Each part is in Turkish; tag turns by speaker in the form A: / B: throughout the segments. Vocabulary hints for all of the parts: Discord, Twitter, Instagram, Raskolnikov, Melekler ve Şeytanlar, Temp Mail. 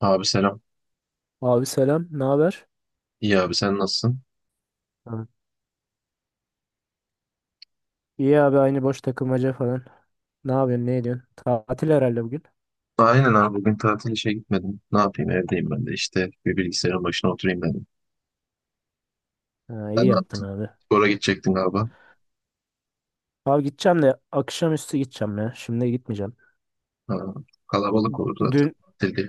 A: Abi selam.
B: Abi selam, ne haber?
A: İyi abi sen nasılsın?
B: Ha, İyi abi aynı boş takılmaca falan. Ne yapıyorsun, ne ediyorsun? Tatil herhalde bugün.
A: Aynen abi bugün tatil işe gitmedim. Ne yapayım evdeyim ben de işte bir bilgisayarın başına oturayım dedim.
B: Ha, iyi
A: Sen ne
B: yaptın
A: yaptın?
B: abi.
A: Spora gidecektin galiba.
B: Abi gideceğim de akşamüstü gideceğim ya. Şimdi gitmeyeceğim.
A: Ha, kalabalık olur zaten
B: Dün
A: tatil diye.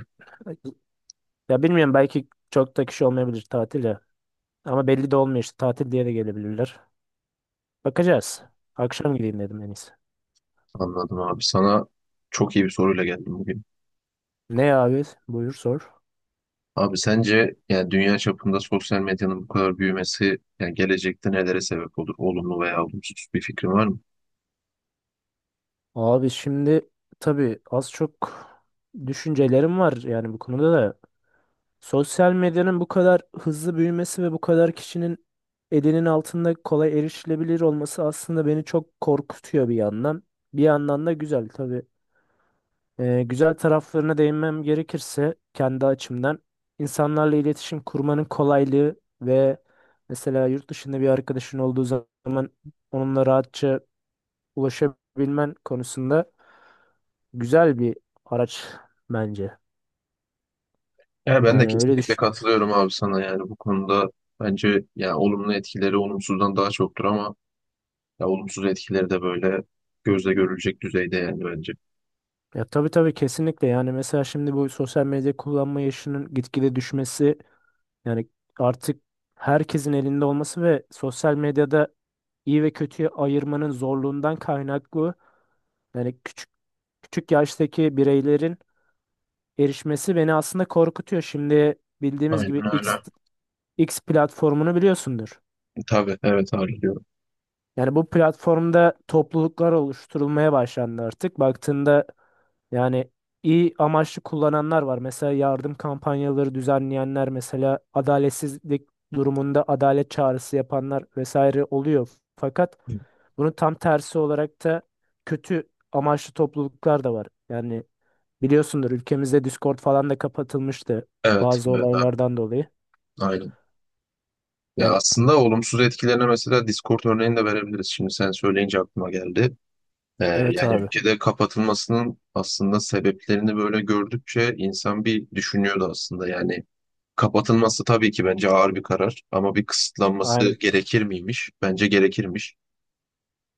B: ya bilmiyorum, belki çok da kişi olmayabilir tatil ya. Ama belli de olmuyor, işte tatil diye de gelebilirler. Bakacağız. Akşam gideyim dedim en iyisi.
A: Anladım abi. Sana çok iyi bir soruyla geldim bugün.
B: Ne abi? Buyur sor.
A: Abi sence yani dünya çapında sosyal medyanın bu kadar büyümesi yani gelecekte nelere sebep olur? Olumlu veya olumsuz bir fikrin var mı?
B: Abi şimdi tabii az çok düşüncelerim var yani bu konuda da. Sosyal medyanın bu kadar hızlı büyümesi ve bu kadar kişinin elinin altında kolay erişilebilir olması aslında beni çok korkutuyor bir yandan. Bir yandan da güzel tabii. Güzel taraflarına değinmem gerekirse kendi açımdan insanlarla iletişim kurmanın kolaylığı ve mesela yurt dışında bir arkadaşın olduğu zaman onunla rahatça ulaşabilmen konusunda güzel bir araç bence.
A: Yani ben de
B: Yani öyle
A: kesinlikle
B: düşünüyorum.
A: katılıyorum abi sana yani bu konuda bence yani olumlu etkileri olumsuzdan daha çoktur ama ya olumsuz etkileri de böyle gözle görülecek düzeyde yani bence.
B: Ya tabii tabii, kesinlikle yani. Mesela şimdi bu sosyal medya kullanma yaşının gitgide düşmesi, yani artık herkesin elinde olması ve sosyal medyada iyi ve kötüyü ayırmanın zorluğundan kaynaklı yani küçük küçük yaştaki bireylerin erişmesi beni aslında korkutuyor. Şimdi bildiğimiz gibi
A: Aynen
B: X,
A: öyle.
B: X platformunu biliyorsundur.
A: Tabii evet harcıyorum.
B: Yani bu platformda topluluklar oluşturulmaya başlandı artık. Baktığında yani iyi amaçlı kullananlar var. Mesela yardım kampanyaları düzenleyenler, mesela adaletsizlik durumunda adalet çağrısı yapanlar vesaire oluyor. Fakat bunun tam tersi olarak da kötü amaçlı topluluklar da var. Yani biliyorsundur, ülkemizde Discord falan da kapatılmıştı
A: Evet
B: bazı
A: evet abi
B: olaylardan dolayı.
A: aynen. Ya
B: Yani
A: aslında olumsuz etkilerine mesela Discord örneğini de verebiliriz. Şimdi sen söyleyince aklıma geldi.
B: evet
A: Yani
B: abi.
A: ülkede kapatılmasının aslında sebeplerini böyle gördükçe insan bir düşünüyordu aslında. Yani kapatılması tabii ki bence ağır bir karar ama bir
B: Aynen.
A: kısıtlanması gerekir miymiş? Bence gerekirmiş.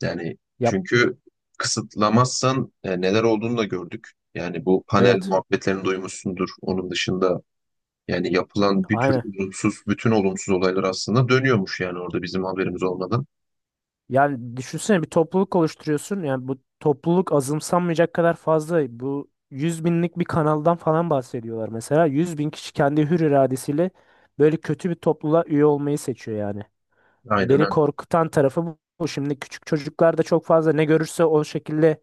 A: Yani
B: Ya
A: çünkü kısıtlamazsan neler olduğunu da gördük. Yani bu panel
B: evet.
A: muhabbetlerini duymuşsundur. Onun dışında yani yapılan bir tür
B: Aynen.
A: olumsuz, bütün olumsuz olaylar aslında dönüyormuş yani orada bizim haberimiz olmadan.
B: Yani düşünsene, bir topluluk oluşturuyorsun. Yani bu topluluk azımsanmayacak kadar fazla. Bu 100 binlik bir kanaldan falan bahsediyorlar mesela. 100 bin kişi kendi hür iradesiyle böyle kötü bir topluluğa üye olmayı seçiyor yani.
A: Aynen
B: Beni
A: öyle.
B: korkutan tarafı bu. Şimdi küçük çocuklar da çok fazla ne görürse o şekilde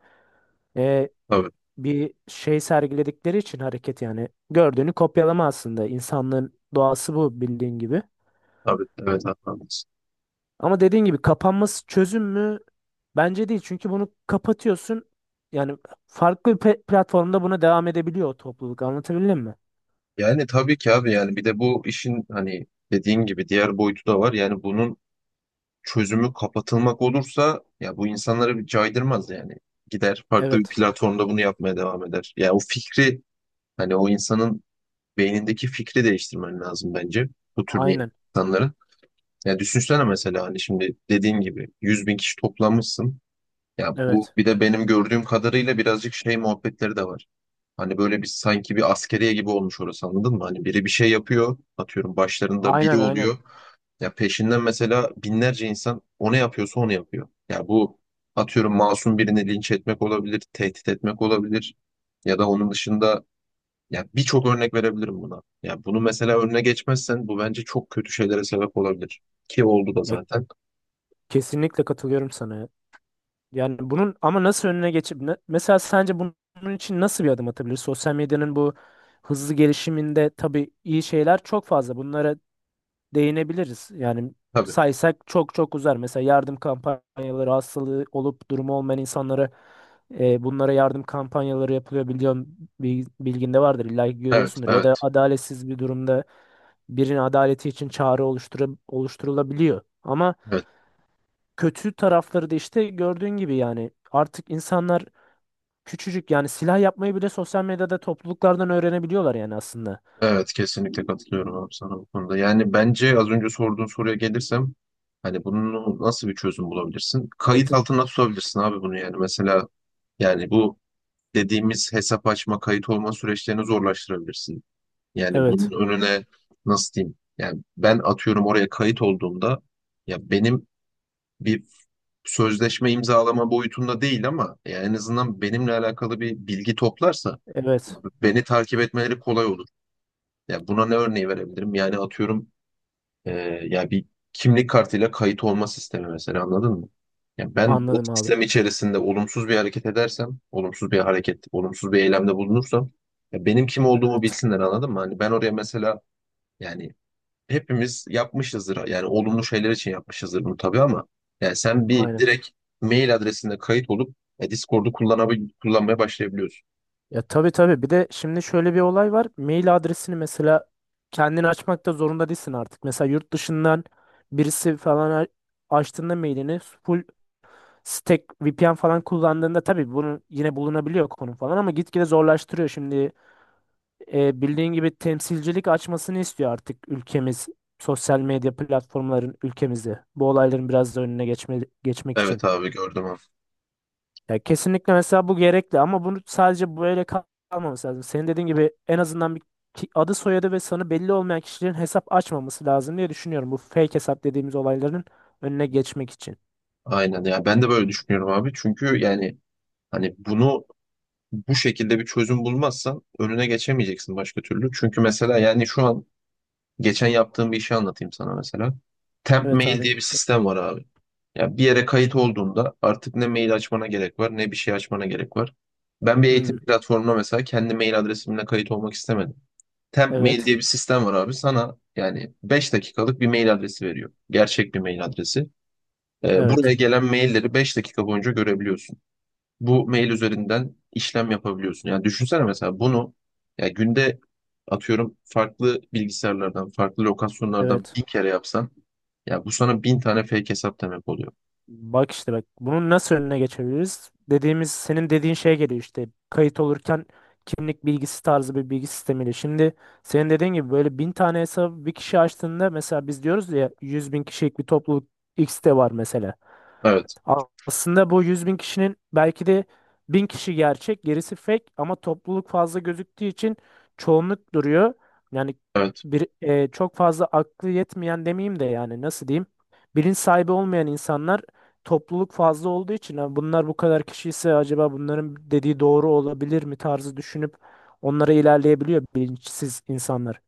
B: e,
A: Tabii,
B: bir şey sergiledikleri için hareket yani. Gördüğünü kopyalama aslında. İnsanlığın doğası bu, bildiğin gibi.
A: tabii, evet haklısın.
B: Ama dediğin gibi kapanması çözüm mü? Bence değil. Çünkü bunu kapatıyorsun. Yani farklı bir platformda buna devam edebiliyor o topluluk. Anlatabildim mi?
A: Yani tabii ki abi yani bir de bu işin hani dediğin gibi diğer boyutu da var. Yani bunun çözümü kapatılmak olursa ya bu insanları bir caydırmaz yani. Gider farklı bir
B: Evet.
A: platformda bunu yapmaya devam eder. Ya o fikri hani o insanın beynindeki fikri değiştirmen lazım bence bu tür niyetli
B: Aynen.
A: insanların. Ya düşünsene mesela hani şimdi dediğin gibi 100 bin kişi toplamışsın. Ya bu
B: Evet.
A: bir de benim gördüğüm kadarıyla birazcık şey muhabbetleri de var. Hani böyle bir sanki bir askeriye gibi olmuş orası anladın mı? Hani biri bir şey yapıyor atıyorum başlarında biri
B: Aynen aynen.
A: oluyor. Ya peşinden mesela binlerce insan o ne yapıyorsa onu yapıyor. Ya bu atıyorum masum birini linç etmek olabilir, tehdit etmek olabilir. Ya da onun dışında ya birçok örnek verebilirim buna. Ya bunu mesela önüne geçmezsen bu bence çok kötü şeylere sebep olabilir. Ki oldu da
B: Ya
A: zaten.
B: kesinlikle katılıyorum sana, ya. Yani bunun ama nasıl önüne geçip mesela sence bunun için nasıl bir adım atabilir? Sosyal medyanın bu hızlı gelişiminde tabii iyi şeyler çok fazla. Bunlara değinebiliriz. Yani
A: Tabii.
B: saysak çok çok uzar. Mesela yardım kampanyaları, hastalığı olup durumu olmayan insanlara bunlara yardım kampanyaları yapılıyor. Biliyorum, bilginde vardır illa ki,
A: Evet,
B: görüyorsundur. Ya da
A: evet,
B: adaletsiz bir durumda birinin adaleti için çağrı oluşturup, oluşturulabiliyor. Ama
A: evet.
B: kötü tarafları da işte gördüğün gibi, yani artık insanlar küçücük, yani silah yapmayı bile sosyal medyada topluluklardan öğrenebiliyorlar yani aslında.
A: Evet, kesinlikle katılıyorum abi sana bu konuda. Yani bence az önce sorduğun soruya gelirsem hani bunu nasıl bir çözüm bulabilirsin? Kayıt
B: Evet.
A: altına tutabilirsin abi bunu yani. Mesela yani bu dediğimiz hesap açma, kayıt olma süreçlerini zorlaştırabilirsin. Yani bunun
B: Evet.
A: önüne nasıl diyeyim? Yani ben atıyorum oraya kayıt olduğumda ya benim bir sözleşme imzalama boyutunda değil ama yani en azından benimle alakalı bir bilgi toplarsa
B: Evet.
A: beni takip etmeleri kolay olur. Ya buna ne örneği verebilirim? Yani atıyorum e, ya bir kimlik kartıyla kayıt olma sistemi mesela anladın mı? Ya ben o
B: Anladım abi.
A: sistem içerisinde olumsuz bir hareket edersem, olumsuz bir hareket, olumsuz bir eylemde bulunursam ya benim kim olduğumu
B: Evet.
A: bilsinler anladın mı? Hani ben oraya mesela yani hepimiz yapmışızdır. Yani olumlu şeyler için yapmışızdır bunu tabii ama yani sen bir
B: Aynen.
A: direkt mail adresinde kayıt olup Discord'u kullanmaya başlayabiliyorsun.
B: Ya tabii tabii. Bir de şimdi şöyle bir olay var. Mail adresini mesela kendini açmakta zorunda değilsin artık. Mesela yurt dışından birisi falan açtığında mailini full stack VPN falan kullandığında tabii bunu yine bulunabiliyor konu falan, ama gitgide zorlaştırıyor. Şimdi bildiğin gibi temsilcilik açmasını istiyor artık ülkemiz sosyal medya platformların ülkemizde. Bu olayların biraz da önüne geçme, geçmek
A: Evet
B: için.
A: abi gördüm abi.
B: Ya kesinlikle mesela bu gerekli, ama bunu sadece böyle kalmaması lazım. Senin dediğin gibi en azından bir adı soyadı ve sanı belli olmayan kişilerin hesap açmaması lazım diye düşünüyorum. Bu fake hesap dediğimiz olayların önüne geçmek için.
A: Aynen ya ben de böyle düşünüyorum abi. Çünkü yani hani bunu bu şekilde bir çözüm bulmazsan önüne geçemeyeceksin başka türlü. Çünkü mesela yani şu an geçen yaptığım bir işi anlatayım sana mesela. Temp
B: Evet
A: mail
B: abi.
A: diye bir sistem var abi. Ya bir yere kayıt olduğunda artık ne mail açmana gerek var, ne bir şey açmana gerek var. Ben bir eğitim
B: Hmm,
A: platformuna mesela kendi mail adresimle kayıt olmak istemedim. Temp Mail
B: evet.
A: diye bir sistem var abi. Sana yani 5 dakikalık bir mail adresi veriyor. Gerçek bir mail adresi. Buraya
B: Evet.
A: gelen mailleri 5 dakika boyunca görebiliyorsun. Bu mail üzerinden işlem yapabiliyorsun. Yani düşünsene mesela bunu ya günde atıyorum farklı bilgisayarlardan, farklı lokasyonlardan
B: Evet.
A: bin kere yapsan ya bu sana bin tane fake hesap demek oluyor.
B: Bak işte bak, bunun nasıl önüne geçebiliriz? Dediğimiz, senin dediğin şey geliyor işte, kayıt olurken kimlik bilgisi tarzı bir bilgi sistemiyle. Şimdi senin dediğin gibi böyle bin tane hesabı bir kişi açtığında, mesela biz diyoruz ya 100 bin kişilik bir topluluk X'te var mesela.
A: Evet,
B: Aslında bu 100 bin kişinin belki de bin kişi gerçek, gerisi fake, ama topluluk fazla gözüktüğü için çoğunluk duruyor. Yani
A: evet.
B: bir çok fazla aklı yetmeyen demeyeyim de, yani nasıl diyeyim? Bilinç sahibi olmayan insanlar topluluk fazla olduğu için "Ha, bunlar bu kadar kişi ise acaba bunların dediği doğru olabilir mi" tarzı düşünüp onlara ilerleyebiliyor bilinçsiz insanlar.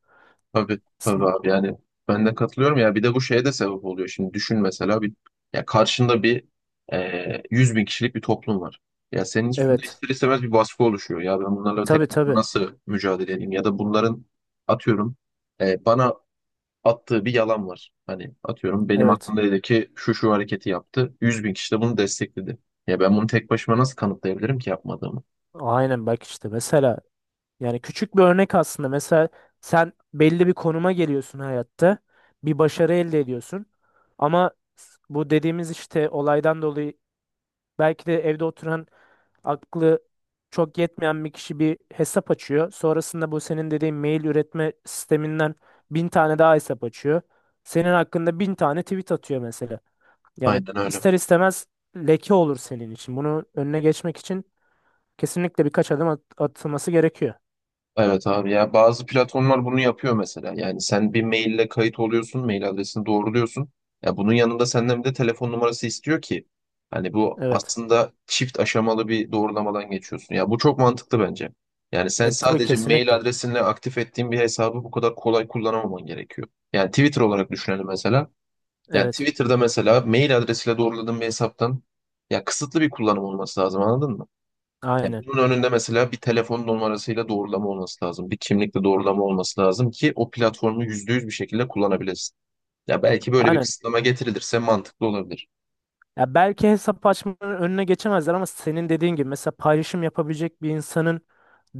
A: Tabii tabii
B: Sin-
A: abi yani ben de katılıyorum ya bir de bu şeye de sebep oluyor. Şimdi düşün mesela bir ya karşında bir 100 bin kişilik bir toplum var. Ya senin üstünde
B: Evet.
A: ister istemez bir baskı oluşuyor. Ya ben bunlarla tek
B: Tabii
A: başıma
B: tabii.
A: nasıl mücadele edeyim? Ya da bunların atıyorum bana attığı bir yalan var. Hani atıyorum benim
B: Evet.
A: hakkımda dedi ki şu şu hareketi yaptı. 100 bin kişi de bunu destekledi. Ya ben bunu tek başıma nasıl kanıtlayabilirim ki yapmadığımı?
B: Aynen bak işte mesela, yani küçük bir örnek aslında. Mesela sen belli bir konuma geliyorsun hayatta. Bir başarı elde ediyorsun. Ama bu dediğimiz işte olaydan dolayı belki de evde oturan aklı çok yetmeyen bir kişi bir hesap açıyor. Sonrasında bu senin dediğin mail üretme sisteminden bin tane daha hesap açıyor. Senin hakkında bin tane tweet atıyor mesela. Yani
A: Aynen öyle.
B: ister istemez leke olur senin için. Bunu önüne geçmek için kesinlikle birkaç adım atılması gerekiyor.
A: Evet abi ya bazı platformlar bunu yapıyor mesela. Yani sen bir maille kayıt oluyorsun, mail adresini doğruluyorsun. Ya bunun yanında senden bir de telefon numarası istiyor ki hani bu
B: Evet.
A: aslında çift aşamalı bir doğrulamadan geçiyorsun. Ya bu çok mantıklı bence. Yani sen
B: Tabii
A: sadece mail
B: kesinlikle.
A: adresinle aktif ettiğin bir hesabı bu kadar kolay kullanamaman gerekiyor. Yani Twitter olarak düşünelim mesela. Yani
B: Evet.
A: Twitter'da mesela mail adresiyle doğruladığın bir hesaptan ya kısıtlı bir kullanım olması lazım anladın mı? Yani
B: Aynen.
A: bunun önünde mesela bir telefon numarasıyla doğrulama olması lazım. Bir kimlikle doğrulama olması lazım ki o platformu %100 bir şekilde kullanabilesin. Ya belki böyle bir
B: Aynen.
A: kısıtlama getirilirse mantıklı olabilir.
B: Ya belki hesap açmanın önüne geçemezler, ama senin dediğin gibi mesela paylaşım yapabilecek bir insanın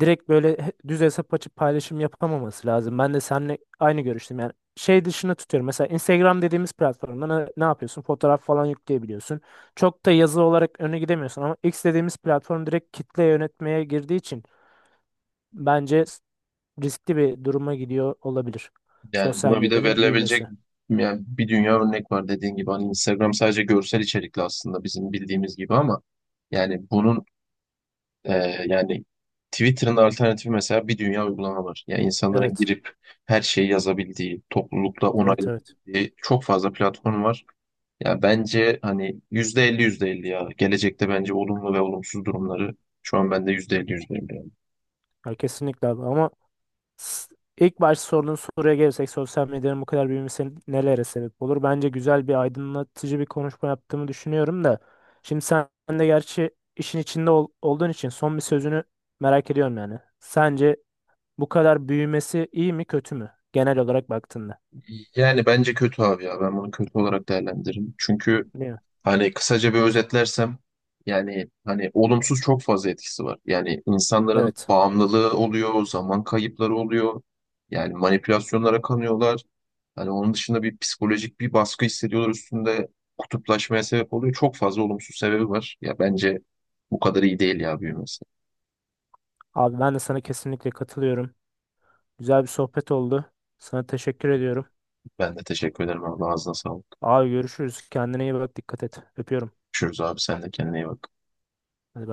B: direkt böyle düz hesap açıp paylaşım yapamaması lazım. Ben de seninle aynı görüştüm. Yani şey dışına tutuyorum. Mesela Instagram dediğimiz platformda ne yapıyorsun? Fotoğraf falan yükleyebiliyorsun. Çok da yazı olarak öne gidemiyorsun, ama X dediğimiz platform direkt kitle yönetmeye girdiği için bence riskli bir duruma gidiyor olabilir.
A: Yani
B: Sosyal
A: buna bir de
B: medyanın
A: verilebilecek
B: büyümesi.
A: yani bir dünya örnek var dediğin gibi. Hani Instagram sadece görsel içerikli aslında bizim bildiğimiz gibi ama yani bunun e, yani Twitter'ın alternatifi mesela bir dünya uygulama var. Yani insanların
B: Evet.
A: girip her şeyi yazabildiği, toplulukla
B: Evet, evet.
A: onaylayabildiği çok fazla platform var. Ya bence hani %50 %50 ya. Gelecekte bence olumlu ve olumsuz durumları şu an bende %50 %50. Yani
B: Ya kesinlikle abi, ama s- ilk başta sorduğun soruya gelirsek sosyal medyanın bu kadar büyümesi nelere sebep olur? Bence güzel bir aydınlatıcı bir konuşma yaptığımı düşünüyorum da. Şimdi sen de gerçi işin içinde olduğun için son bir sözünü merak ediyorum yani. Sence bu kadar büyümesi iyi mi kötü mü? Genel olarak baktığında.
A: Yani bence kötü abi ya. Ben bunu kötü olarak değerlendiririm. Çünkü
B: Değil mi?
A: hani kısaca bir özetlersem yani hani olumsuz çok fazla etkisi var. Yani insanların
B: Evet.
A: bağımlılığı oluyor, zaman kayıpları oluyor. Yani manipülasyonlara kanıyorlar. Hani onun dışında bir psikolojik bir baskı hissediyorlar üstünde. Kutuplaşmaya sebep oluyor. Çok fazla olumsuz sebebi var. Ya bence bu kadar iyi değil ya büyümesi.
B: Abi ben de sana kesinlikle katılıyorum. Güzel bir sohbet oldu. Sana teşekkür ediyorum.
A: Ben de teşekkür ederim abi. Ağzına sağlık.
B: Abi görüşürüz. Kendine iyi bak. Dikkat et. Öpüyorum.
A: Görüşürüz abi. Sen de kendine iyi bak.
B: Hadi bay.